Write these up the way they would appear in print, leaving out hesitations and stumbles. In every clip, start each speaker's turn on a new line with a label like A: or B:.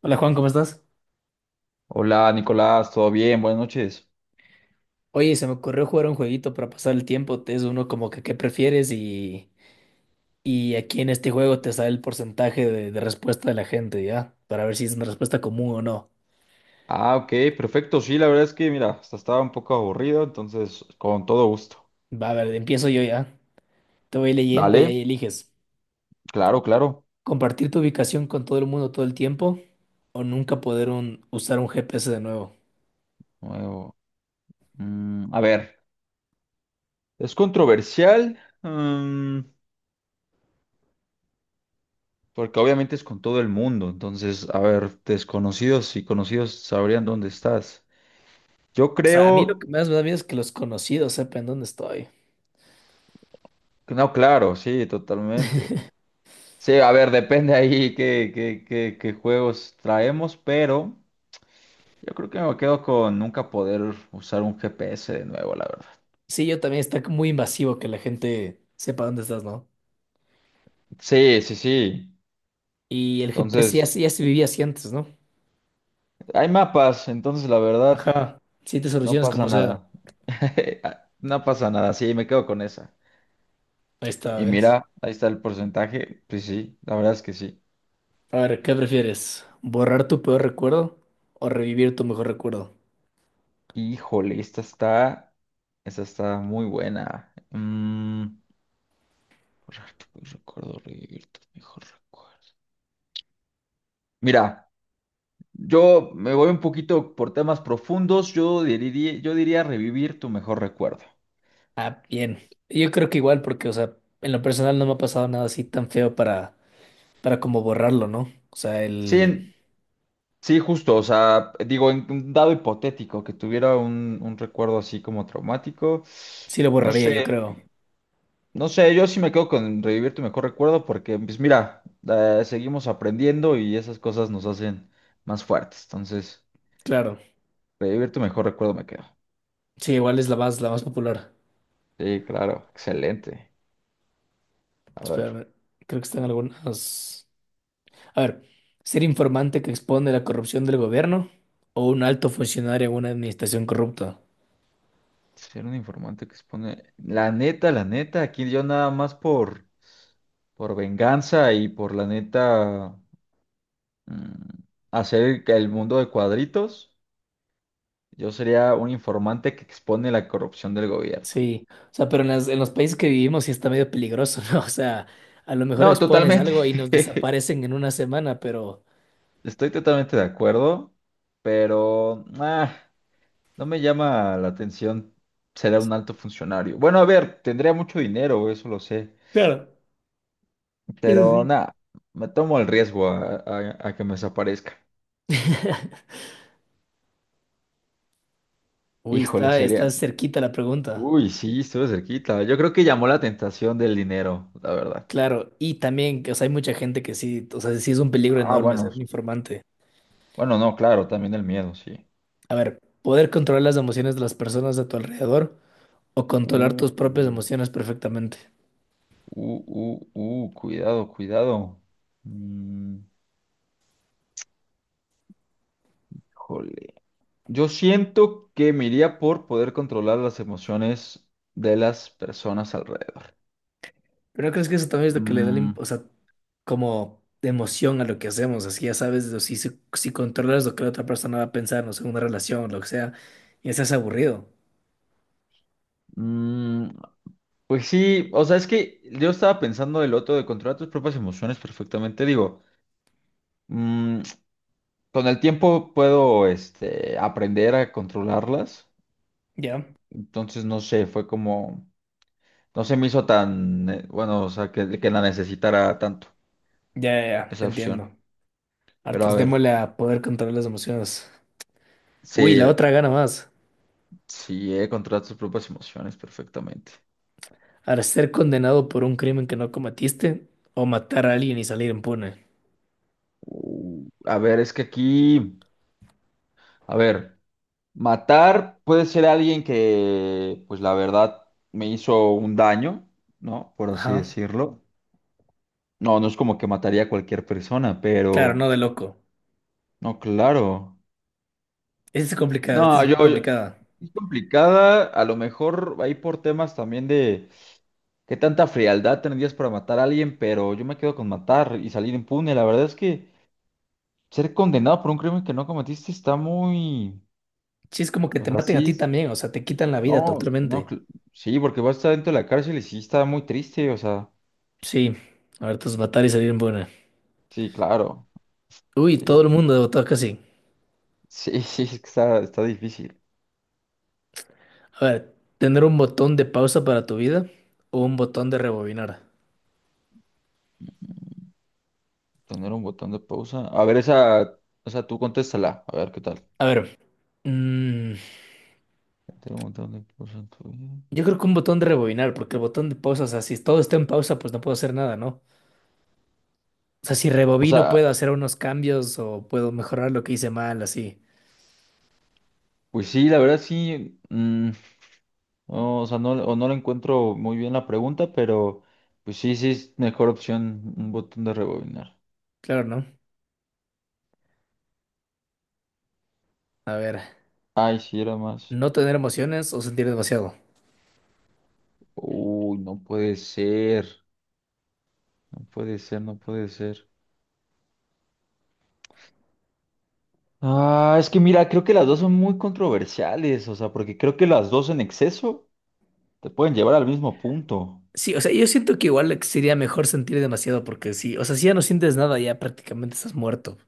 A: Hola Juan, ¿cómo estás?
B: Hola Nicolás, ¿todo bien? Buenas noches.
A: Oye, se me ocurrió jugar un jueguito para pasar el tiempo. Es uno como que qué prefieres y aquí en este juego te sale el porcentaje de respuesta de la gente, ¿ya? Para ver si es una respuesta común o no.
B: Ah, ok, perfecto. Sí, la verdad es que, mira, hasta estaba un poco aburrido, entonces, con todo gusto.
A: Va, a ver, empiezo yo ya. Te voy leyendo y
B: Dale,
A: ahí eliges.
B: claro, claro.
A: Compartir tu ubicación con todo el mundo todo el tiempo o nunca poder usar un GPS de nuevo.
B: Nuevo. A ver, es controversial, porque obviamente es con todo el mundo, entonces, a ver, desconocidos y conocidos sabrían dónde estás. Yo
A: O sea, a mí lo
B: creo
A: que más me da miedo es que los conocidos sepan dónde estoy.
B: que no, claro, sí, totalmente. Sí, a ver, depende ahí qué juegos traemos, pero... Yo creo que me quedo con nunca poder usar un GPS de nuevo, la verdad.
A: Sí, yo también está muy invasivo que la gente sepa dónde estás, ¿no?
B: Sí, sí, sí.
A: Y el GPS ya,
B: Entonces,
A: ya se vivía así antes, ¿no?
B: hay mapas, entonces la verdad,
A: Ajá, siete
B: no
A: soluciones
B: pasa
A: como sea
B: nada. No pasa nada, sí, me quedo con esa.
A: esta
B: Y
A: vez.
B: mira, ahí está el porcentaje. Pues sí, la verdad es que sí.
A: A ver, ¿qué prefieres? ¿Borrar tu peor recuerdo o revivir tu mejor recuerdo?
B: Híjole, esta está muy buena. Borrar tu peor recuerdo, revivir tus mejores recuerdos. Mira. Yo me voy un poquito por temas profundos. Yo diría revivir tu mejor recuerdo.
A: Ah, bien. Yo creo que igual porque, o sea, en lo personal no me ha pasado nada así tan feo para como borrarlo, ¿no? O sea,
B: Sí,
A: el
B: en- sí, justo. O sea, digo, en un dado hipotético que tuviera un recuerdo así como traumático.
A: sí lo
B: No
A: borraría, yo
B: sé,
A: creo.
B: no sé. Yo sí me quedo con revivir tu mejor recuerdo porque, pues mira, seguimos aprendiendo y esas cosas nos hacen más fuertes. Entonces,
A: Claro.
B: revivir tu mejor recuerdo me quedo.
A: Sí, igual es la más popular.
B: Sí, claro, excelente. A ver.
A: Espérame, creo que están algunas. A ver, ¿ser informante que expone la corrupción del gobierno o un alto funcionario en una administración corrupta?
B: Ser un informante que expone. La neta, aquí yo nada más por venganza y por la neta, mm, hacer que el mundo de cuadritos, yo sería un informante que expone la corrupción del gobierno.
A: Sí, o sea, pero en los países que vivimos sí está medio peligroso, ¿no? O sea, a lo mejor
B: No,
A: expones
B: totalmente.
A: algo y nos desaparecen en una semana, pero
B: Estoy totalmente de acuerdo, pero no me llama la atención. Será un alto funcionario. Bueno, a ver, tendría mucho dinero, eso lo sé,
A: claro, eso
B: pero
A: sí.
B: nada, me tomo el riesgo a que me desaparezca.
A: Uy,
B: Híjole,
A: está, está
B: sería.
A: cerquita la pregunta.
B: Uy, sí, estuve cerquita. Yo creo que llamó la tentación del dinero, la verdad.
A: Claro, y también, o sea, hay mucha gente que sí, o sea, sí es un peligro
B: Ah,
A: enorme
B: bueno,
A: ser un informante.
B: bueno, no, claro, también el miedo, sí.
A: A ver, poder controlar las emociones de las personas a tu alrededor o controlar
B: Uh,
A: tus propias
B: uh,
A: emociones perfectamente.
B: cuidado, cuidado. Mm, Híjole. Yo siento que me iría por poder controlar las emociones de las personas alrededor.
A: Pero ¿no crees que eso también es lo que le da,
B: mm,
A: o sea, como emoción a lo que hacemos, así ya sabes, o si controlas lo que la otra persona va a pensar, no sé, una relación, lo que sea, ya se hace aburrido.
B: Mm, pues sí, o sea, es que yo estaba pensando del otro de controlar tus propias emociones perfectamente. Digo, Mm, con el tiempo puedo, este, aprender a controlarlas.
A: Ya,
B: Entonces, no sé, fue como, no se me hizo tan, bueno, o sea, que la necesitara tanto,
A: ya, ya, ya, te
B: esa
A: entiendo.
B: opción. Pero a
A: Hartos
B: ver,
A: démosle a poder controlar las emociones. Uy,
B: sí,
A: la otra gana más.
B: sí, he controlado tus propias emociones perfectamente.
A: Al ser condenado por un crimen que no cometiste o matar a alguien y salir impune.
B: A ver, es que aquí, a ver, matar puede ser alguien que, pues la verdad, me hizo un daño, ¿no? Por así
A: Ajá.
B: decirlo. No, no es como que mataría a cualquier persona,
A: Claro, no
B: pero
A: de loco.
B: no, claro.
A: Esta es complicada, esta es
B: No,
A: bien complicada.
B: es complicada, a lo mejor ahí por temas también de qué tanta frialdad tendrías para matar a alguien, pero yo me quedo con matar y salir impune. La verdad es que ser condenado por un crimen que no cometiste está muy,
A: Sí, es como que
B: o
A: te
B: sea,
A: maten a ti
B: sí,
A: también, o sea, te quitan la vida
B: no, no,
A: totalmente.
B: cl- sí, porque vas a estar dentro de la cárcel y sí está muy triste, o sea,
A: Sí, a ver, tus batallas en buena.
B: sí, claro.
A: Uy, todo
B: Sí,
A: el mundo votó casi.
B: sí, sí, es que está, está difícil.
A: A ver, ¿tener un botón de pausa para tu vida o un botón de rebobinar?
B: Tener un botón de pausa. A ver, esa, o sea, tú contéstala, a ver qué tal.
A: A ver, mm,
B: Tener un botón de pausa en tu vida.
A: yo creo que un botón de rebobinar, porque el botón de pausa, o sea, si todo está en pausa, pues no puedo hacer nada, ¿no? O sea, si
B: O
A: rebobino
B: sea,
A: puedo hacer unos cambios o puedo mejorar lo que hice mal, así.
B: pues sí, la verdad sí, no, o sea, no, o no le encuentro muy bien la pregunta, pero pues sí, sí es mejor opción un botón de rebobinar.
A: Claro, ¿no? A ver,
B: Ay, sí, era más.
A: ¿no tener emociones o sentir demasiado?
B: Uy, no puede ser, no puede ser, no puede ser. Ah, es que mira, creo que las dos son muy controversiales, o sea, porque creo que las dos en exceso te pueden llevar al mismo punto.
A: Sí, o sea, yo siento que igual sería mejor sentir demasiado porque sí, o sea, si ya no sientes nada, ya prácticamente estás muerto.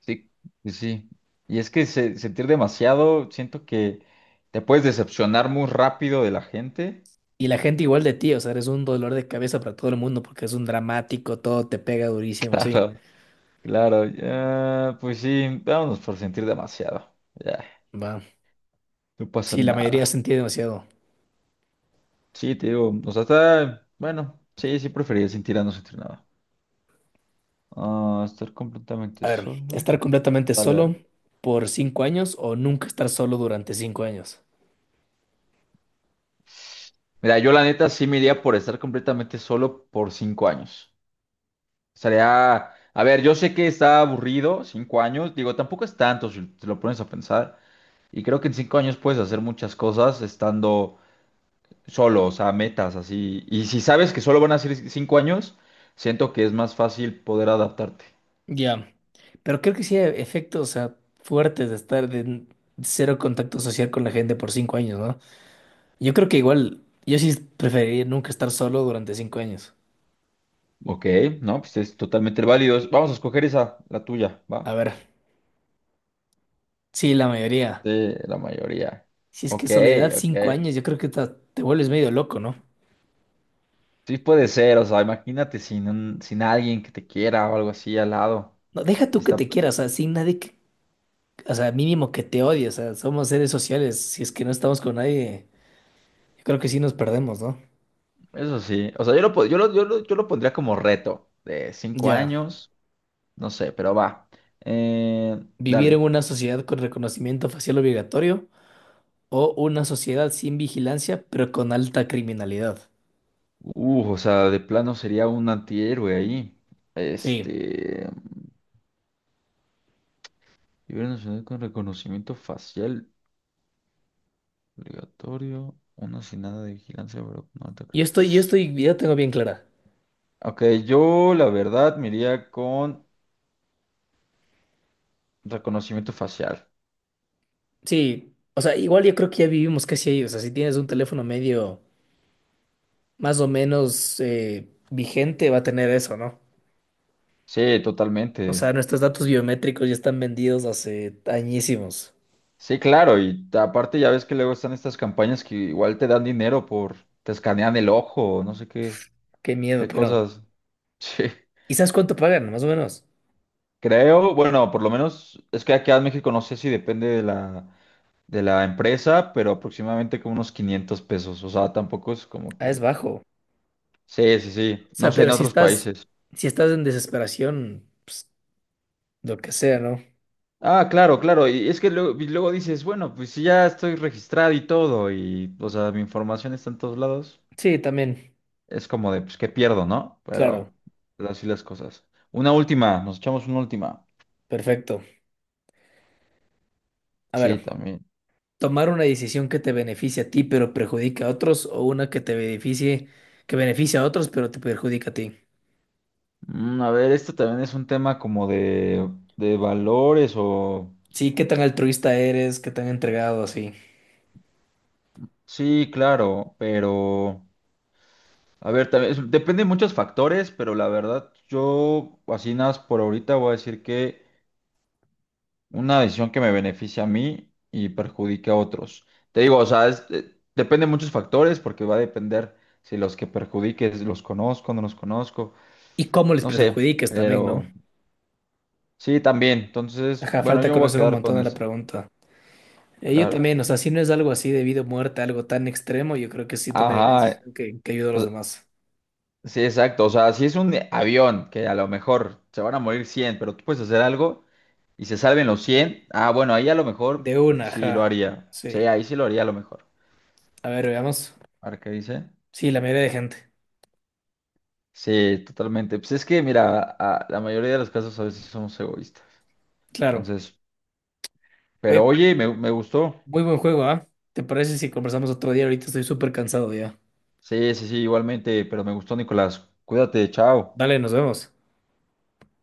B: Sí, sí, sí. Y es que sentir demasiado, siento que te puedes decepcionar muy rápido de la gente.
A: Y la gente igual de ti, o sea, eres un dolor de cabeza para todo el mundo porque es un dramático, todo te pega durísimo, sí.
B: Claro, claro, ya, pues sí, vámonos por sentir demasiado. Ya,
A: Va.
B: no pasa
A: Sí, la mayoría
B: nada.
A: sentía demasiado.
B: Sí, te digo, o sea, está, bueno, sí, sí preferiría sentir a no sentir nada. Ah, estar completamente
A: A ver,
B: solo.
A: estar completamente
B: Dale,
A: solo
B: dale.
A: por cinco años o nunca estar solo durante cinco años.
B: Mira, yo la neta sí me iría por estar completamente solo por cinco años. Sería, a ver, yo sé que está aburrido, cinco años, digo, tampoco es tanto si te lo pones a pensar. Y creo que en cinco años puedes hacer muchas cosas estando solo, o sea, metas así. Y si sabes que solo van a ser cinco años, siento que es más fácil poder adaptarte.
A: Ya. Pero creo que sí hay efectos, o sea, fuertes de estar cero contacto social con la gente por cinco años, ¿no? Yo creo que igual, yo sí preferiría nunca estar solo durante cinco años.
B: Ok, no, pues es totalmente válido. Vamos a escoger esa, la tuya,
A: A
B: ¿va?
A: ver, sí, la mayoría.
B: Sí, la mayoría.
A: Si es que
B: Ok,
A: soledad
B: ok.
A: cinco años, yo creo que te vuelves medio loco, ¿no?
B: Sí puede ser, o sea, imagínate sin alguien que te quiera o algo así al lado.
A: No, deja
B: Sí
A: tú que
B: está.
A: te quieras, o sea, sin nadie que, o sea, mínimo que te odie, o sea, somos seres sociales, si es que no estamos con nadie, yo creo que sí nos perdemos, ¿no?
B: Eso sí, o sea, yo lo, po- yo lo, yo lo- yo lo pondría como reto de cinco
A: Ya,
B: años, no sé, pero va. Eh,
A: vivir en
B: dale.
A: una sociedad con reconocimiento facial obligatorio o una sociedad sin vigilancia, pero con alta criminalidad.
B: O sea, de plano sería un antihéroe ahí.
A: Sí,
B: Este, nivel nacional con reconocimiento facial obligatorio, uno sin nada de vigilancia, pero no te creo.
A: yo estoy, ya tengo bien clara.
B: Ok, yo la verdad me iría con reconocimiento facial.
A: Sí, o sea, igual yo creo que ya vivimos casi ahí, o sea, si tienes un teléfono medio más o menos vigente, va a tener eso, ¿no?
B: Sí,
A: O
B: totalmente.
A: sea, nuestros datos biométricos ya están vendidos hace añísimos.
B: Sí, claro, y aparte ya ves que luego están estas campañas que igual te dan dinero por, te escanean el ojo, no sé qué,
A: Qué miedo,
B: qué
A: pero
B: cosas. Sí.
A: ¿y sabes cuánto pagan? Más o menos.
B: Creo, bueno, por lo menos es que aquí en México no sé si depende de de la empresa, pero aproximadamente como unos 500 pesos, o sea, tampoco es como
A: Ah, es
B: que...
A: bajo. O
B: Sí, sí, sí, no
A: sea,
B: sé en
A: pero
B: otros países.
A: si estás en desesperación, pues lo que sea, ¿no?
B: Ah, claro, claro, y es que luego, y luego dices, bueno, pues si ya estoy registrado y todo, y, o sea, mi información está en todos lados.
A: Sí, también.
B: Es como de, pues, ¿qué pierdo, no?
A: Claro.
B: Pero así las cosas. Una última, nos echamos una última.
A: Perfecto. A
B: Sí,
A: ver,
B: también.
A: tomar una decisión que te beneficie a ti, pero perjudica a otros, o una que te beneficie, que beneficia a otros, pero te perjudica a ti.
B: A ver, esto también es un tema como de valores o...
A: Sí, qué tan altruista eres, qué tan entregado, así.
B: Sí, claro, pero... A ver, también depende de muchos factores, pero la verdad, yo así nada más por ahorita voy a decir que una decisión que me beneficia a mí y perjudique a otros. Te digo, o sea, depende de muchos factores porque va a depender si los que perjudiques los conozco.
A: Y cómo les
B: No sé,
A: perjudicas también, ¿no?
B: pero sí, también. Entonces,
A: Ajá,
B: bueno,
A: falta
B: yo me voy a
A: conocer un
B: quedar
A: montón
B: con
A: de la
B: eso,
A: pregunta. Yo
B: claro.
A: también, o sea, si no es algo así de vida o muerte, algo tan extremo, yo creo que sí tomaría una
B: Ajá,
A: decisión que ayude a los demás.
B: sí, exacto. O sea, si es un avión que a lo mejor se van a morir cien, pero tú puedes hacer algo y se salven los cien, ah, bueno, ahí a lo mejor,
A: De
B: pues
A: una,
B: sí lo
A: ajá.
B: haría. Sí,
A: Sí.
B: ahí sí lo haría a lo mejor.
A: A ver, veamos.
B: ¿Ahora qué dice?
A: Sí, la mayoría de gente.
B: Sí, totalmente. Pues es que, mira, la mayoría de los casos a veces somos egoístas.
A: Claro.
B: Entonces,
A: Oye,
B: pero oye, me gustó.
A: muy buen juego, ¿ah? ¿Te parece si conversamos otro día? Ahorita estoy súper cansado ya.
B: Sí, sí, sí, igualmente, pero me gustó, Nicolás. Cuídate, chao.
A: Dale, nos vemos.